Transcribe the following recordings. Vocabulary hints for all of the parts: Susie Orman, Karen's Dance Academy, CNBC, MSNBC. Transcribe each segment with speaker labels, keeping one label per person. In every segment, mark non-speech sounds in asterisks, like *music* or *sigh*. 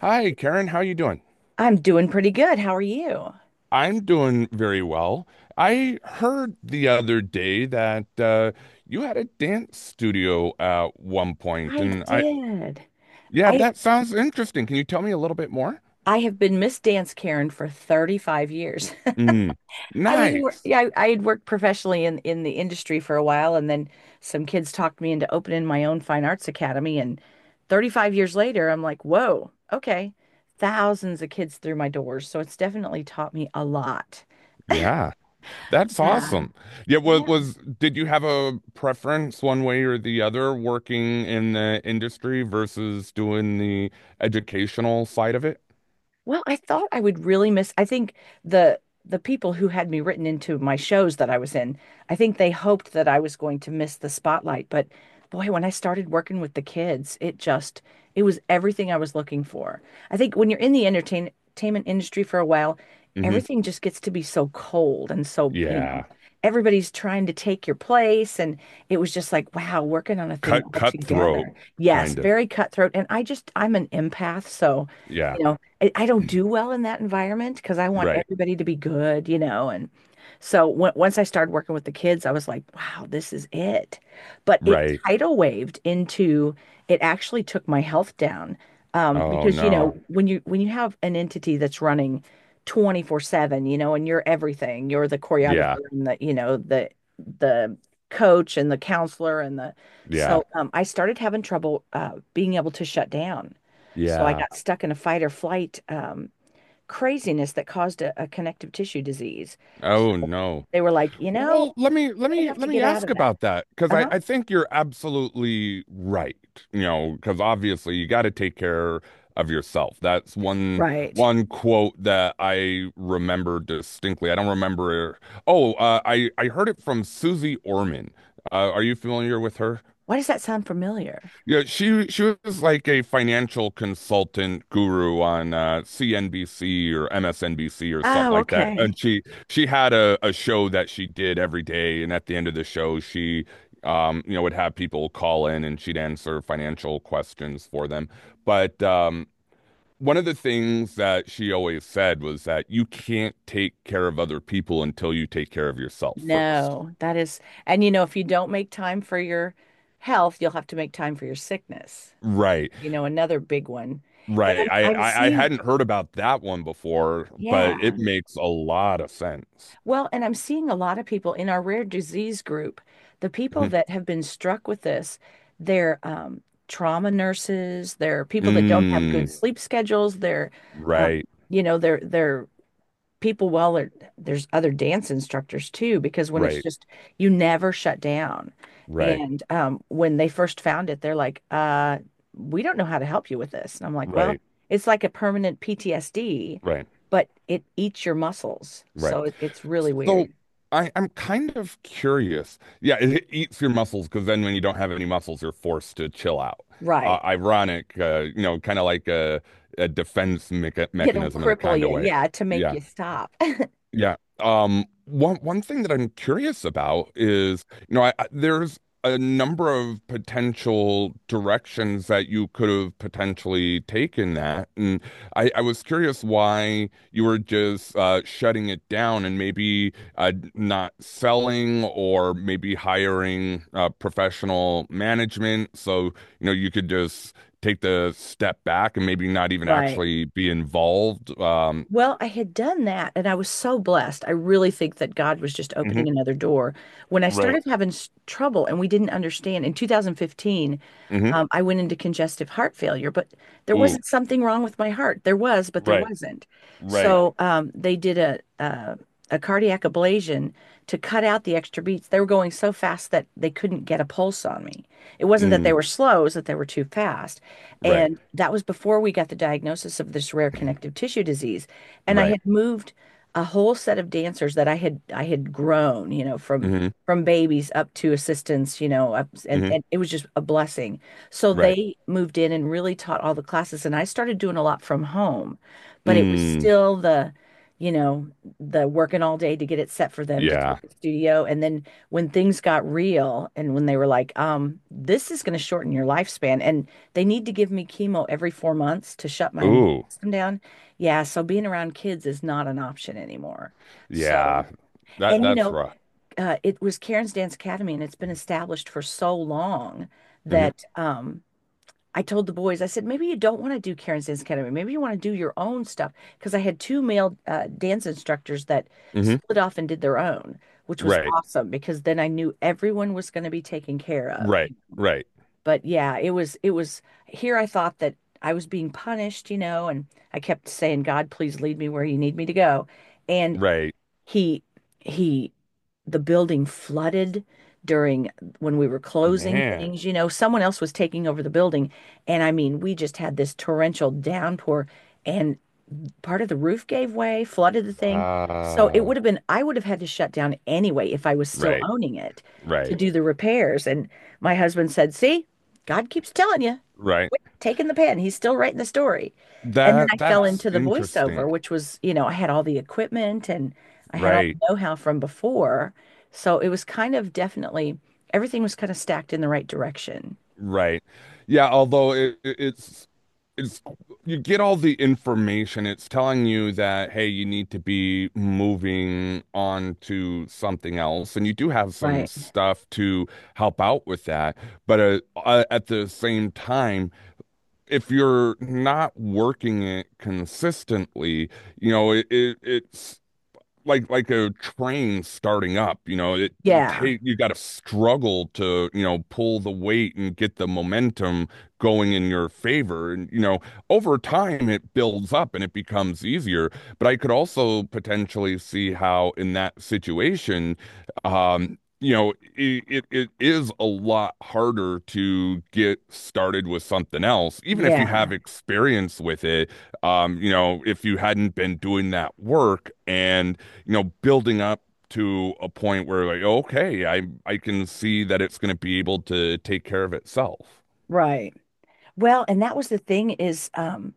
Speaker 1: Hi, Karen. How you doing?
Speaker 2: I'm doing pretty good. How are you?
Speaker 1: I'm doing very well. I heard the other day that you had a dance studio at one point,
Speaker 2: I did.
Speaker 1: yeah,
Speaker 2: I
Speaker 1: that sounds interesting. Can you tell me a little bit more?
Speaker 2: I have been Miss Dance Karen for 35 years. *laughs*
Speaker 1: Mm,
Speaker 2: *laughs*
Speaker 1: nice.
Speaker 2: Yeah, I had worked professionally in the industry for a while, and then some kids talked me into opening my own fine arts academy, and 35 years later I'm like, "Whoa, okay." Thousands of kids through my doors, so it's definitely taught me a lot.
Speaker 1: Yeah, that's
Speaker 2: Yeah.
Speaker 1: awesome. Was did you have a preference one way or the other working in the industry versus doing the educational side of it?
Speaker 2: Well, I thought I would really miss. I think the people who had me written into my shows that I was in, I think they hoped that I was going to miss the spotlight. But boy, when I started working with the kids, it was everything I was looking for. I think when you're in the entertainment industry for a while,
Speaker 1: Hmm.
Speaker 2: everything just gets to be so cold, and so
Speaker 1: Yeah,
Speaker 2: everybody's trying to take your place. And it was just like, wow, working on a thing
Speaker 1: cut
Speaker 2: all
Speaker 1: cutthroat
Speaker 2: together. Yes,
Speaker 1: kind of.
Speaker 2: very cutthroat. And I'm an empath, so.
Speaker 1: Yeah.
Speaker 2: You know, I don't do well in that environment because I want
Speaker 1: Right.
Speaker 2: everybody to be good. And so w once I started working with the kids, I was like, wow, this is it. But it
Speaker 1: Right.
Speaker 2: tidal waved into, it actually took my health down.
Speaker 1: Oh
Speaker 2: Because
Speaker 1: no.
Speaker 2: when you have an entity that's running 24/7, and you're everything, you're the
Speaker 1: Yeah.
Speaker 2: choreographer and the coach and the counselor and the
Speaker 1: Yeah.
Speaker 2: so I started having trouble being able to shut down. So I
Speaker 1: Yeah.
Speaker 2: got stuck in a fight or flight craziness that caused a connective tissue disease. So
Speaker 1: Oh no.
Speaker 2: they were like,
Speaker 1: Well, let me
Speaker 2: you're
Speaker 1: let
Speaker 2: going to
Speaker 1: me
Speaker 2: have to
Speaker 1: let me
Speaker 2: get out
Speaker 1: ask
Speaker 2: of that.
Speaker 1: about that because I
Speaker 2: Uh-huh.
Speaker 1: I think you're absolutely right. You know, because obviously you got to take care of yourself. That's one
Speaker 2: Right.
Speaker 1: one quote that I remember distinctly. I don't remember. Oh, I heard it from Susie Orman. Are you familiar with her?
Speaker 2: Why does that sound familiar?
Speaker 1: Yeah, she was like a financial consultant guru on CNBC or MSNBC or something
Speaker 2: Oh,
Speaker 1: like that.
Speaker 2: okay.
Speaker 1: And she had a show that she did every day, and at the end of the show, she would have people call in and she'd answer financial questions for them. But one of the things that she always said was that you can't take care of other people until you take care of yourself first.
Speaker 2: No, that is, and if you don't make time for your health, you'll have to make time for your sickness, which is,
Speaker 1: Right.
Speaker 2: another big one. And
Speaker 1: Right. I,
Speaker 2: I
Speaker 1: I I
Speaker 2: see.
Speaker 1: hadn't heard about that one before, but it
Speaker 2: Yeah.
Speaker 1: makes a lot of sense.
Speaker 2: Well, and I'm seeing a lot of people in our rare disease group, the people
Speaker 1: Mhm.
Speaker 2: that have been struck with this, they're trauma nurses, they're people that don't have good
Speaker 1: Mm,
Speaker 2: Mm. sleep schedules, they're, um,
Speaker 1: right,
Speaker 2: you know, they're people, well are there's other dance instructors too because when it's
Speaker 1: right,
Speaker 2: just you never shut down.
Speaker 1: right,
Speaker 2: And when they first found it, they're like, we don't know how to help you with this. And I'm like, well,
Speaker 1: right,
Speaker 2: it's like a permanent PTSD,
Speaker 1: right,
Speaker 2: but it eats your muscles,
Speaker 1: right.
Speaker 2: so it's really
Speaker 1: So
Speaker 2: weird.
Speaker 1: I'm kind of curious. Yeah, it eats your muscles because then when you don't have any muscles, you're forced to chill out.
Speaker 2: Right,
Speaker 1: Ironic, you know, kind of like a defense mecha
Speaker 2: it'll
Speaker 1: mechanism in a
Speaker 2: cripple
Speaker 1: kind of
Speaker 2: you,
Speaker 1: way.
Speaker 2: yeah, to make
Speaker 1: Yeah.
Speaker 2: you stop. *laughs*
Speaker 1: Yeah. One thing that I'm curious about is, you know, there's a number of potential directions that you could have potentially taken that. And I was curious why you were just shutting it down and maybe not selling or maybe hiring professional management. So, you know, you could just take the step back and maybe not even
Speaker 2: Right.
Speaker 1: actually be involved.
Speaker 2: Well, I had done that, and I was so blessed. I really think that God was just
Speaker 1: Mhm.
Speaker 2: opening another door. When I
Speaker 1: Right.
Speaker 2: started having trouble and we didn't understand in 2015,
Speaker 1: Mhm.
Speaker 2: I went into congestive heart failure, but there
Speaker 1: Ooh,
Speaker 2: wasn't something wrong with my heart. There was, but there
Speaker 1: right,
Speaker 2: wasn't.
Speaker 1: right,
Speaker 2: So they did a cardiac ablation to cut out the extra beats. They were going so fast that they couldn't get a pulse on me. It wasn't that
Speaker 1: mm,
Speaker 2: they were slow, it was that they were too fast.
Speaker 1: right,
Speaker 2: And that was before we got the diagnosis of this rare connective tissue disease. And I
Speaker 1: right,
Speaker 2: had moved a whole set of dancers that I had grown, from
Speaker 1: mm-hmm,
Speaker 2: from babies up to assistants, up, and
Speaker 1: mm-hmm,
Speaker 2: and it was just a blessing. So
Speaker 1: right,
Speaker 2: they moved in and really taught all the classes, and I started doing a lot from home, but it was
Speaker 1: mm,
Speaker 2: still you know, the working all day to get it set for them to
Speaker 1: yeah,
Speaker 2: take to the studio. And then when things got real and when they were like, this is going to shorten your lifespan, and they need to give me chemo every 4 months to shut my immune
Speaker 1: ooh,
Speaker 2: system down. Yeah, so being around kids is not an option anymore.
Speaker 1: yeah,
Speaker 2: So,
Speaker 1: that
Speaker 2: and
Speaker 1: that's rough.
Speaker 2: it was Karen's Dance Academy, and it's been established for so long
Speaker 1: Mm-hmm,
Speaker 2: that I told the boys, I said, maybe you don't want to do Karen's Dance Academy. Maybe you want to do your own stuff. Because I had two male dance instructors that
Speaker 1: mm-hmm,
Speaker 2: split off and did their own, which was
Speaker 1: right,
Speaker 2: awesome because then I knew everyone was going to be taken care of.
Speaker 1: right, right,
Speaker 2: But yeah, it was here I thought that I was being punished, and I kept saying, God, please lead me where you need me to go. And
Speaker 1: right,
Speaker 2: he he the building flooded during when we were closing
Speaker 1: man,
Speaker 2: things, someone else was taking over the building. And I mean, we just had this torrential downpour, and part of the roof gave way, flooded the thing. So it
Speaker 1: wow,
Speaker 2: would have been, I would have had to shut down anyway if I was still
Speaker 1: right,
Speaker 2: owning it, to
Speaker 1: right,
Speaker 2: do the repairs. And my husband said, "See, God keeps telling you,
Speaker 1: right.
Speaker 2: quit taking the pen. He's still writing the story." And then
Speaker 1: That
Speaker 2: I fell
Speaker 1: that's
Speaker 2: into the
Speaker 1: interesting,
Speaker 2: voiceover, which was, I had all the equipment and I had all
Speaker 1: right.
Speaker 2: the know-how from before. So it was kind of definitely, everything was kind of stacked in the right direction.
Speaker 1: Right. Yeah, although it's you get all the information. It's telling you that hey, you need to be moving on to something else, and you do have some
Speaker 2: Right.
Speaker 1: stuff to help out with that. But at the same time, if you're not working it consistently, you know, it's like a train starting up, you know, it
Speaker 2: Yeah.
Speaker 1: take you got to struggle to, you know, pull the weight and get the momentum going in your favor. And, you know, over time it builds up and it becomes easier. But I could also potentially see how in that situation, you know, it is a lot harder to get started with something else, even if you
Speaker 2: Yeah.
Speaker 1: have experience with it. You know, if you hadn't been doing that work and you know, building up to a point where like, okay, I can see that it's going to be able to take care of itself.
Speaker 2: Right. Well, and that was the thing is,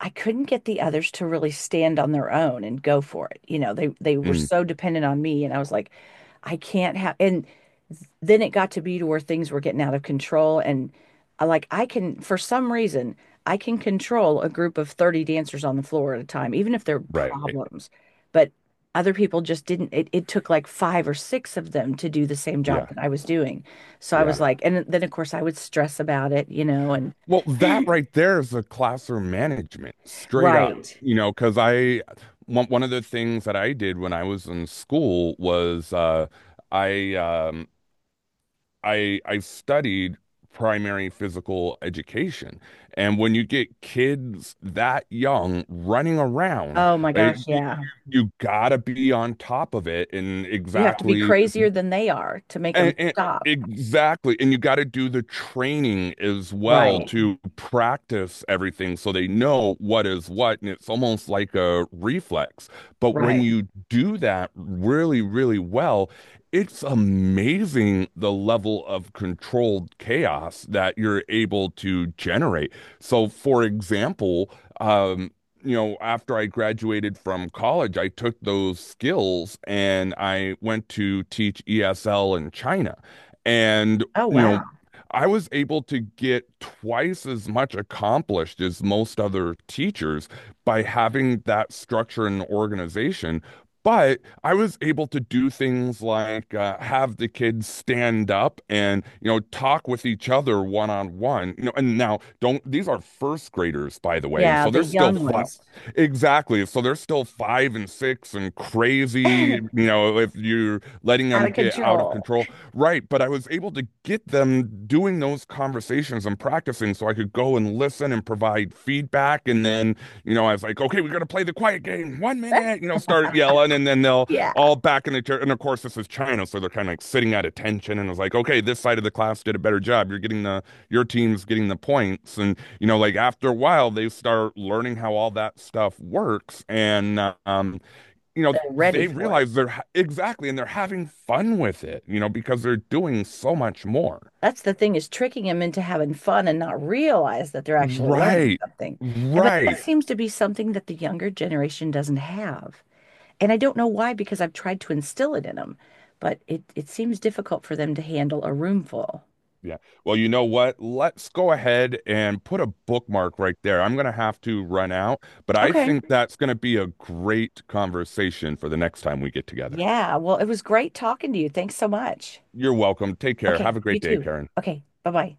Speaker 2: I couldn't get the others to really stand on their own and go for it. They were
Speaker 1: Mm,
Speaker 2: so dependent on me, and I was like, I can't have. And then it got to be to where things were getting out of control. And I like I can, for some reason I can control a group of 30 dancers on the floor at a time, even if they're
Speaker 1: right.
Speaker 2: problems. But other people just didn't. It took like five or six of them to do the same job
Speaker 1: Yeah.
Speaker 2: that I was doing. So I was
Speaker 1: Yeah.
Speaker 2: like, and then of course I would stress about it, and
Speaker 1: Well, that right there is a classroom management, straight up.
Speaker 2: right.
Speaker 1: You know, because I one of the things that I did when I was in school was I um, I studied primary physical education. And when you get kids that young running around,
Speaker 2: Oh my
Speaker 1: like,
Speaker 2: gosh, yeah.
Speaker 1: you gotta be on top of it
Speaker 2: You have to be crazier than they are to make them
Speaker 1: and
Speaker 2: stop.
Speaker 1: exactly. And you got to do the training as well
Speaker 2: Right.
Speaker 1: to practice everything so they know what is what. And it's almost like a reflex. But when
Speaker 2: Right.
Speaker 1: you do that really, really well, it's amazing the level of controlled chaos that you're able to generate. So, for example, um, you know, after I graduated from college, I took those skills and I went to teach ESL in China. And,
Speaker 2: Oh,
Speaker 1: you know,
Speaker 2: wow.
Speaker 1: I was able to get twice as much accomplished as most other teachers by having that structure and organization. But I was able to do things like have the kids stand up and, you know, talk with each other one on one. You know, and now don't, these are first graders, by the way. And
Speaker 2: Yeah,
Speaker 1: so
Speaker 2: the
Speaker 1: they're still
Speaker 2: young ones
Speaker 1: exactly. So they're still five and six and
Speaker 2: *laughs* out
Speaker 1: crazy, you know, if you're letting them
Speaker 2: of
Speaker 1: get out of
Speaker 2: control.
Speaker 1: control. Right. But I was able to get them doing those conversations and practicing so I could go and listen and provide feedback. And then, you know, I was like, okay, we're going to play the quiet game. One minute, you know, start yelling. And then they'll
Speaker 2: *laughs* Yeah,
Speaker 1: all back in the chair. And of course, this is China. So they're kind of like sitting at attention. And I was like, okay, this side of the class did a better job. You're getting the, your team's getting the points. And, you know, like after a while, they start learning how all that stuff works. And, um, you know,
Speaker 2: they're ready
Speaker 1: they
Speaker 2: for it.
Speaker 1: realize exactly, and they're having fun with it, you know, because they're doing so much more.
Speaker 2: That's the thing is tricking them into having fun and not realize that they're actually learning
Speaker 1: Right.
Speaker 2: something. But that
Speaker 1: Right.
Speaker 2: seems to be something that the younger generation doesn't have. And I don't know why, because I've tried to instill it in them, but it seems difficult for them to handle a room full.
Speaker 1: Yeah. Well, you know what? Let's go ahead and put a bookmark right there. I'm going to have to run out, but I
Speaker 2: Okay.
Speaker 1: think that's going to be a great conversation for the next time we get together.
Speaker 2: Yeah. Well, it was great talking to you. Thanks so much.
Speaker 1: You're welcome. Take care.
Speaker 2: Okay,
Speaker 1: Have a
Speaker 2: you
Speaker 1: great day,
Speaker 2: too.
Speaker 1: Karen.
Speaker 2: Okay, bye-bye.